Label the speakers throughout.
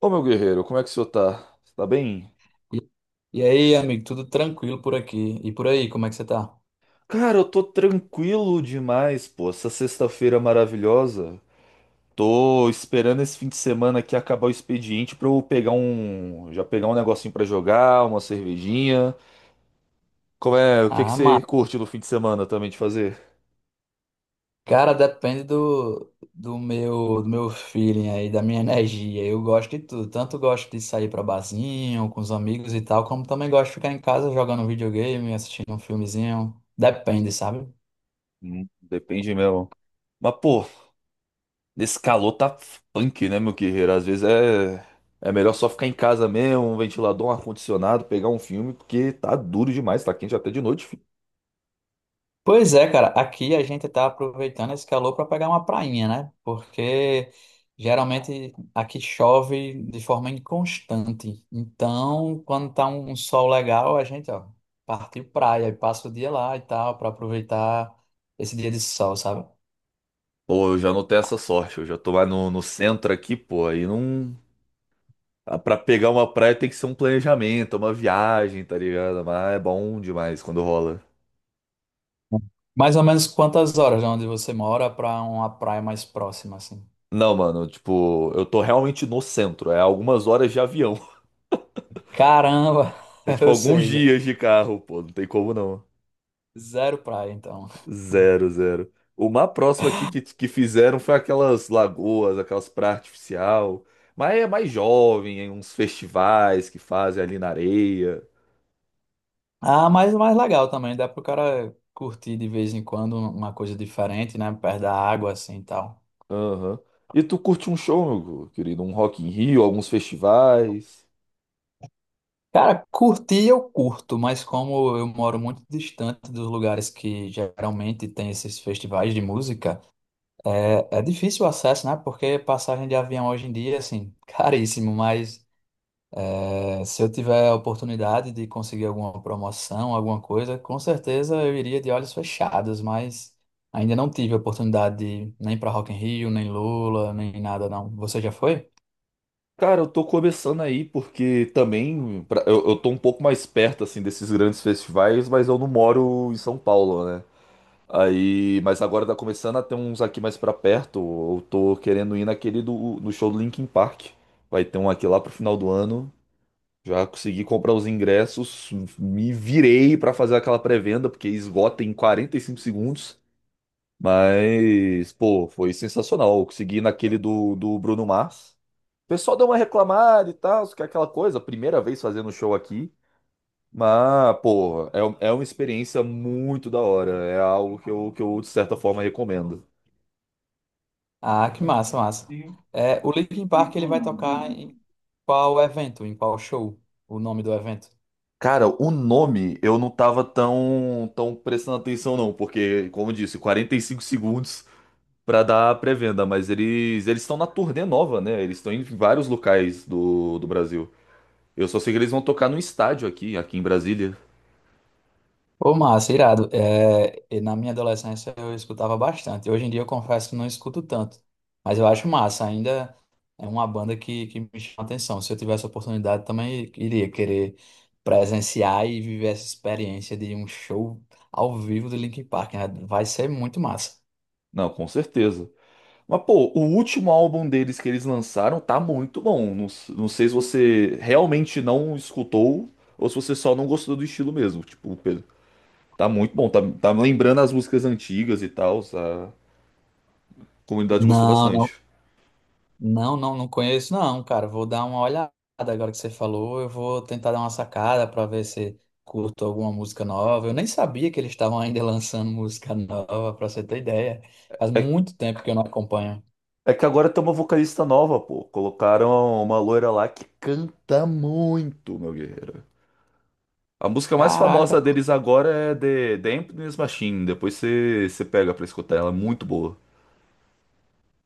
Speaker 1: Ô meu guerreiro, como é que o senhor tá? Você tá bem?
Speaker 2: E, e aí, amigo, tudo tranquilo por aqui? E por aí, como é que você tá?
Speaker 1: Cara, eu tô tranquilo demais, pô. Essa sexta-feira maravilhosa. Tô esperando esse fim de semana aqui acabar o expediente pra eu pegar um. Já pegar um negocinho pra jogar, uma cervejinha. Como é? O que que
Speaker 2: Ah,
Speaker 1: você
Speaker 2: mano,
Speaker 1: curte no fim de semana também de fazer?
Speaker 2: cara, depende do meu feeling aí, da minha energia. Eu gosto de tudo. Tanto gosto de sair pra barzinho, com os amigos e tal, como também gosto de ficar em casa jogando videogame, assistindo um filmezinho. Depende, sabe?
Speaker 1: Depende mesmo. Mas, pô, nesse calor tá punk, né, meu guerreiro? Às vezes é. É melhor só ficar em casa mesmo, um ventilador, um ar-condicionado, pegar um filme, porque tá duro demais, tá quente até de noite.
Speaker 2: Pois é, cara, aqui a gente tá aproveitando esse calor para pegar uma prainha, né? Porque geralmente aqui chove de forma inconstante. Então, quando tá um sol legal, a gente, ó, partiu praia e passa o dia lá e tal, para aproveitar esse dia de sol, sabe?
Speaker 1: Pô, eu já não tenho essa sorte. Eu já tô lá no centro aqui, pô. Aí não. Pra pegar uma praia tem que ser um planejamento, uma viagem, tá ligado? Mas é bom demais quando rola.
Speaker 2: Mais ou menos quantas horas de onde você mora para uma praia mais próxima, assim?
Speaker 1: Não, mano, tipo, eu tô realmente no centro. É algumas horas de avião.
Speaker 2: Caramba!
Speaker 1: É tipo
Speaker 2: Ou
Speaker 1: alguns
Speaker 2: seja,
Speaker 1: dias de carro, pô. Não tem como não.
Speaker 2: zero praia, então.
Speaker 1: Zero, zero. O mais próximo aqui que fizeram foi aquelas lagoas, aquelas praias artificial. Mas é mais jovem, hein, uns festivais que fazem ali na areia.
Speaker 2: Ah, mas mais legal também, dá pro cara curtir de vez em quando uma coisa diferente, né? Perto da água, assim e tal.
Speaker 1: Aham. E tu curte um show, meu querido? Um Rock in Rio, alguns festivais?
Speaker 2: Cara, curtir eu curto, mas como eu moro muito distante dos lugares que geralmente tem esses festivais de música, é difícil o acesso, né? Porque passagem de avião hoje em dia, assim, caríssimo, mas. É, se eu tiver a oportunidade de conseguir alguma promoção, alguma coisa, com certeza eu iria de olhos fechados, mas ainda não tive a oportunidade de nem para Rock in Rio, nem Lula, nem nada não. Você já foi?
Speaker 1: Cara, eu tô começando aí porque também eu tô um pouco mais perto assim desses grandes festivais, mas eu não moro em São Paulo, né? Aí, mas agora tá começando a ter uns aqui mais pra perto. Eu tô querendo ir naquele do no show do Linkin Park. Vai ter um aqui lá pro final do ano. Já consegui comprar os ingressos, me virei pra fazer aquela pré-venda porque esgota em 45 segundos. Mas, pô, foi sensacional. Eu consegui ir naquele do Bruno Mars. O pessoal deu uma reclamada e tal, que é aquela coisa, primeira vez fazendo show aqui. Mas, pô, é uma experiência muito da hora. É algo que eu, de certa forma, recomendo.
Speaker 2: Ah, que massa, massa. É, o Linkin Park ele vai tocar em qual evento, em qual show? O nome do evento?
Speaker 1: Cara, o nome eu não tava tão prestando atenção, não, porque, como eu disse, 45 segundos pra dar a pré-venda, mas eles estão na turnê nova, né? Eles estão em vários locais do Brasil. Eu só sei que eles vão tocar no estádio aqui em Brasília.
Speaker 2: Ô, massa, irado. É, e na minha adolescência eu escutava bastante. Hoje em dia eu confesso que não escuto tanto. Mas eu acho massa. Ainda é uma banda que me chama atenção. Se eu tivesse a oportunidade, também iria querer presenciar e viver essa experiência de um show ao vivo do Linkin Park, né? Vai ser muito massa.
Speaker 1: Não, com certeza. Mas, pô, o último álbum deles que eles lançaram tá muito bom. Não, não sei se você realmente não escutou ou se você só não gostou do estilo mesmo. Tipo, Pedro, tá muito bom. Tá lembrando as músicas antigas e tal. A comunidade gostou
Speaker 2: Não, não.
Speaker 1: bastante.
Speaker 2: Não, não, não conheço, não, cara. Vou dar uma olhada agora que você falou. Eu vou tentar dar uma sacada para ver se curto alguma música nova. Eu nem sabia que eles estavam ainda lançando música nova, para você ter ideia. Faz
Speaker 1: É,
Speaker 2: muito tempo que eu não acompanho.
Speaker 1: é que agora tem uma vocalista nova, pô. Colocaram uma loira lá que canta muito, meu guerreiro. A música mais
Speaker 2: Caraca,
Speaker 1: famosa
Speaker 2: não.
Speaker 1: deles agora é The Emptiness Machine. Depois você pega pra escutar ela, é muito boa.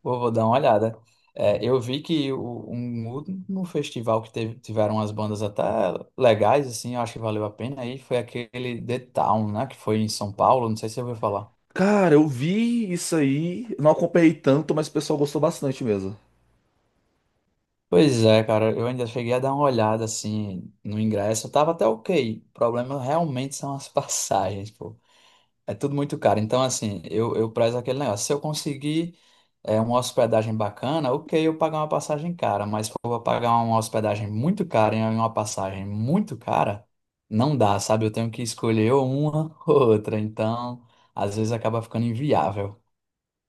Speaker 2: Vou dar uma olhada. É, eu vi que último festival que teve, tiveram umas bandas até legais, assim, eu acho que valeu a pena. Aí foi aquele The Town, né? Que foi em São Paulo, não sei se você ouviu falar.
Speaker 1: Cara, eu vi isso aí, não acompanhei tanto, mas o pessoal gostou bastante mesmo.
Speaker 2: Pois é, cara, eu ainda cheguei a dar uma olhada assim no ingresso, tava até ok. O problema realmente são as passagens, pô. É tudo muito caro. Então, assim, eu prezo aquele negócio. Se eu conseguir uma hospedagem bacana, ok, eu pagar uma passagem cara, mas se eu vou pagar uma hospedagem muito cara e uma passagem muito cara, não dá, sabe? Eu tenho que escolher ou uma ou outra. Então, às vezes acaba ficando inviável.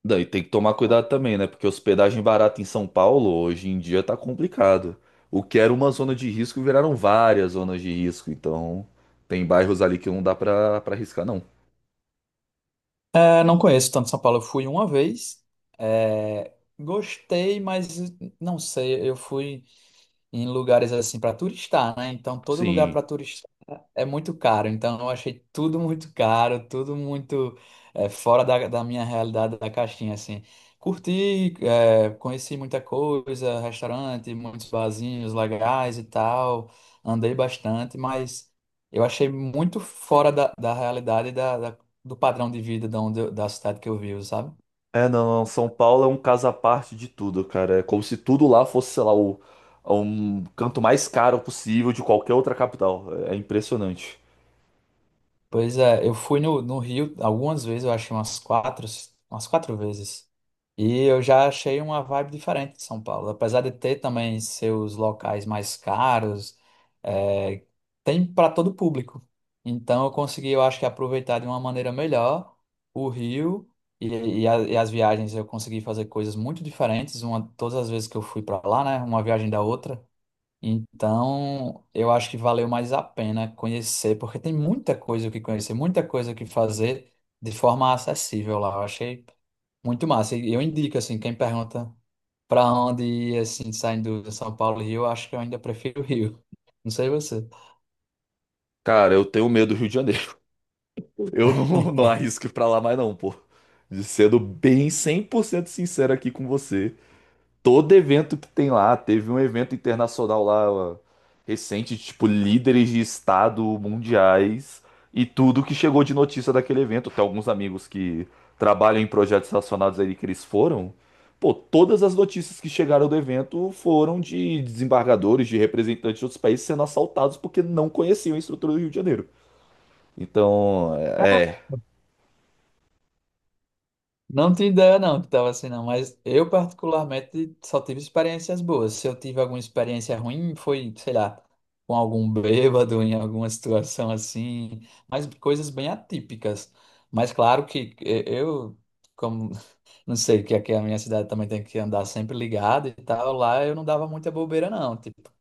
Speaker 1: Daí tem que tomar cuidado também, né? Porque hospedagem barata em São Paulo hoje em dia tá complicado. O que era uma zona de risco viraram várias zonas de risco, então tem bairros ali que não dá pra arriscar, não.
Speaker 2: É, não conheço tanto São Paulo. Eu fui uma vez, é, gostei, mas não sei. Eu fui em lugares assim para turistar, né? Então todo lugar
Speaker 1: Sim.
Speaker 2: para é muito caro, então eu achei tudo muito caro, tudo muito é, fora da minha realidade da caixinha, assim. Curti, é, conheci muita coisa, restaurante, muitos barzinhos legais e tal, andei bastante, mas eu achei muito fora da realidade da do padrão de vida da, onde eu- da cidade que eu vivo, sabe?
Speaker 1: É, não, não, São Paulo é um caso à parte de tudo, cara. É como se tudo lá fosse, sei lá, é um canto mais caro possível de qualquer outra capital. É impressionante.
Speaker 2: Pois é, eu fui no Rio algumas vezes, eu achei umas quatro vezes. E eu já achei uma vibe diferente de São Paulo. Apesar de ter também seus locais mais caros, é, tem para todo público. Então eu consegui, eu acho que aproveitar de uma maneira melhor o Rio e as viagens eu consegui fazer coisas muito diferentes, uma, todas as vezes que eu fui para lá, né? Uma viagem da outra. Então, eu acho que valeu mais a pena conhecer, porque tem muita coisa o que conhecer, muita coisa o que fazer de forma acessível lá. Eu achei muito massa. E eu indico, assim, quem pergunta para onde ir, assim, saindo de São Paulo e Rio, eu acho que eu ainda prefiro o Rio. Não sei você.
Speaker 1: Cara, eu tenho medo do Rio de Janeiro. Eu não arrisco ir pra lá mais não, pô. De sendo bem 100% sincero aqui com você. Todo evento que tem lá. Teve um evento internacional lá ó, recente, tipo, líderes de estado mundiais e tudo que chegou de notícia daquele evento. Tem alguns amigos que trabalham em projetos relacionados a ele que eles foram. Pô, todas as notícias que chegaram do evento foram de desembargadores, de representantes de outros países sendo assaltados porque não conheciam a estrutura do Rio de Janeiro. Então, é,
Speaker 2: Não tenho ideia, não, que tava assim, não. Mas eu, particularmente, só tive experiências boas. Se eu tive alguma experiência ruim, foi, sei lá, com algum bêbado, em alguma situação assim. Mas coisas bem atípicas. Mas claro que eu, como não sei, que aqui a minha cidade também tem que andar sempre ligado e tal, lá eu não dava muita bobeira, não, tipo.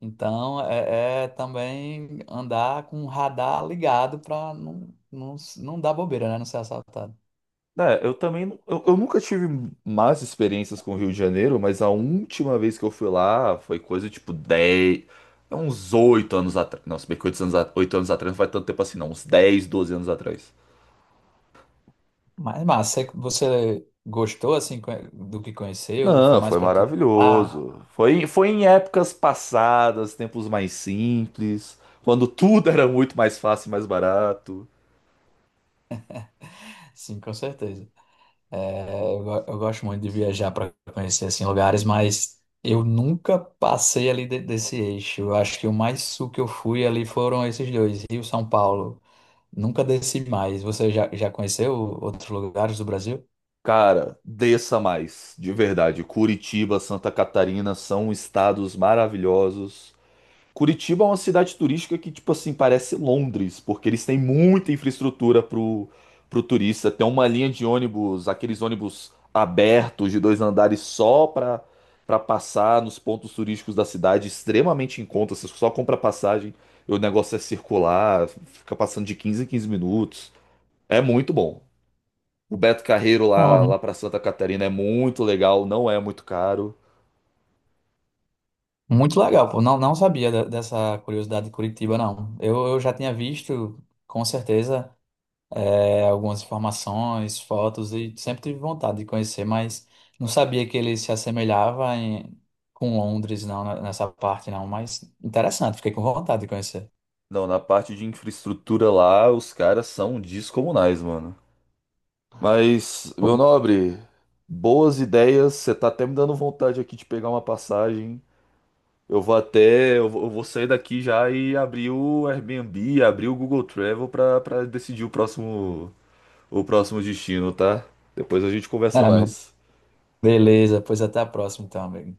Speaker 2: Então, é também andar com o radar ligado pra não dar bobeira, né? Não ser assaltado.
Speaker 1: É, eu também, eu nunca tive más experiências com o Rio de Janeiro, mas a última vez que eu fui lá foi coisa tipo 10 é uns 8 anos atrás. Não, se bem que oito anos atrás não faz tanto tempo assim, não, uns 10 12 anos atrás.
Speaker 2: Mas massa, você gostou assim co- do que conheceu? Foi
Speaker 1: Não,
Speaker 2: mais
Speaker 1: foi
Speaker 2: para tu? Ah,
Speaker 1: maravilhoso. Foi, foi em épocas passadas, tempos mais simples, quando tudo era muito mais fácil e mais barato.
Speaker 2: sim, com certeza. É, eu gosto muito de viajar para conhecer assim lugares, mas eu nunca passei ali de- desse eixo. Eu acho que o mais sul que eu fui ali foram esses dois, Rio, São Paulo. Nunca desci mais. Você já conheceu outros lugares do Brasil?
Speaker 1: Cara, desça mais, de verdade. Curitiba, Santa Catarina são estados maravilhosos. Curitiba é uma cidade turística que, tipo assim, parece Londres, porque eles têm muita infraestrutura pro turista. Tem uma linha de ônibus, aqueles ônibus abertos de 2 andares só pra passar nos pontos turísticos da cidade, extremamente em conta. Você só compra passagem, o negócio é circular, fica passando de 15 em 15 minutos. É muito bom. O Beto Carreiro
Speaker 2: Ó,
Speaker 1: lá pra Santa Catarina é muito legal, não é muito caro.
Speaker 2: muito legal, pô. Não, não sabia de- dessa curiosidade de Curitiba, não. Eu já tinha visto, com certeza. É, algumas informações, fotos e sempre tive vontade de conhecer, mas não sabia que ele se assemelhava em- com Londres, não, né, nessa parte não, mas interessante, fiquei com vontade de conhecer.
Speaker 1: Não, na parte de infraestrutura lá, os caras são descomunais, mano. Mas, meu
Speaker 2: Pô,
Speaker 1: nobre, boas ideias. Você tá até me dando vontade aqui de pegar uma passagem. Eu vou até, eu vou sair daqui já e abrir o Airbnb, abrir o Google Travel pra para decidir o próximo destino, tá? Depois a gente conversa
Speaker 2: é, meu.
Speaker 1: mais.
Speaker 2: Beleza, pois até a próxima então, amigo.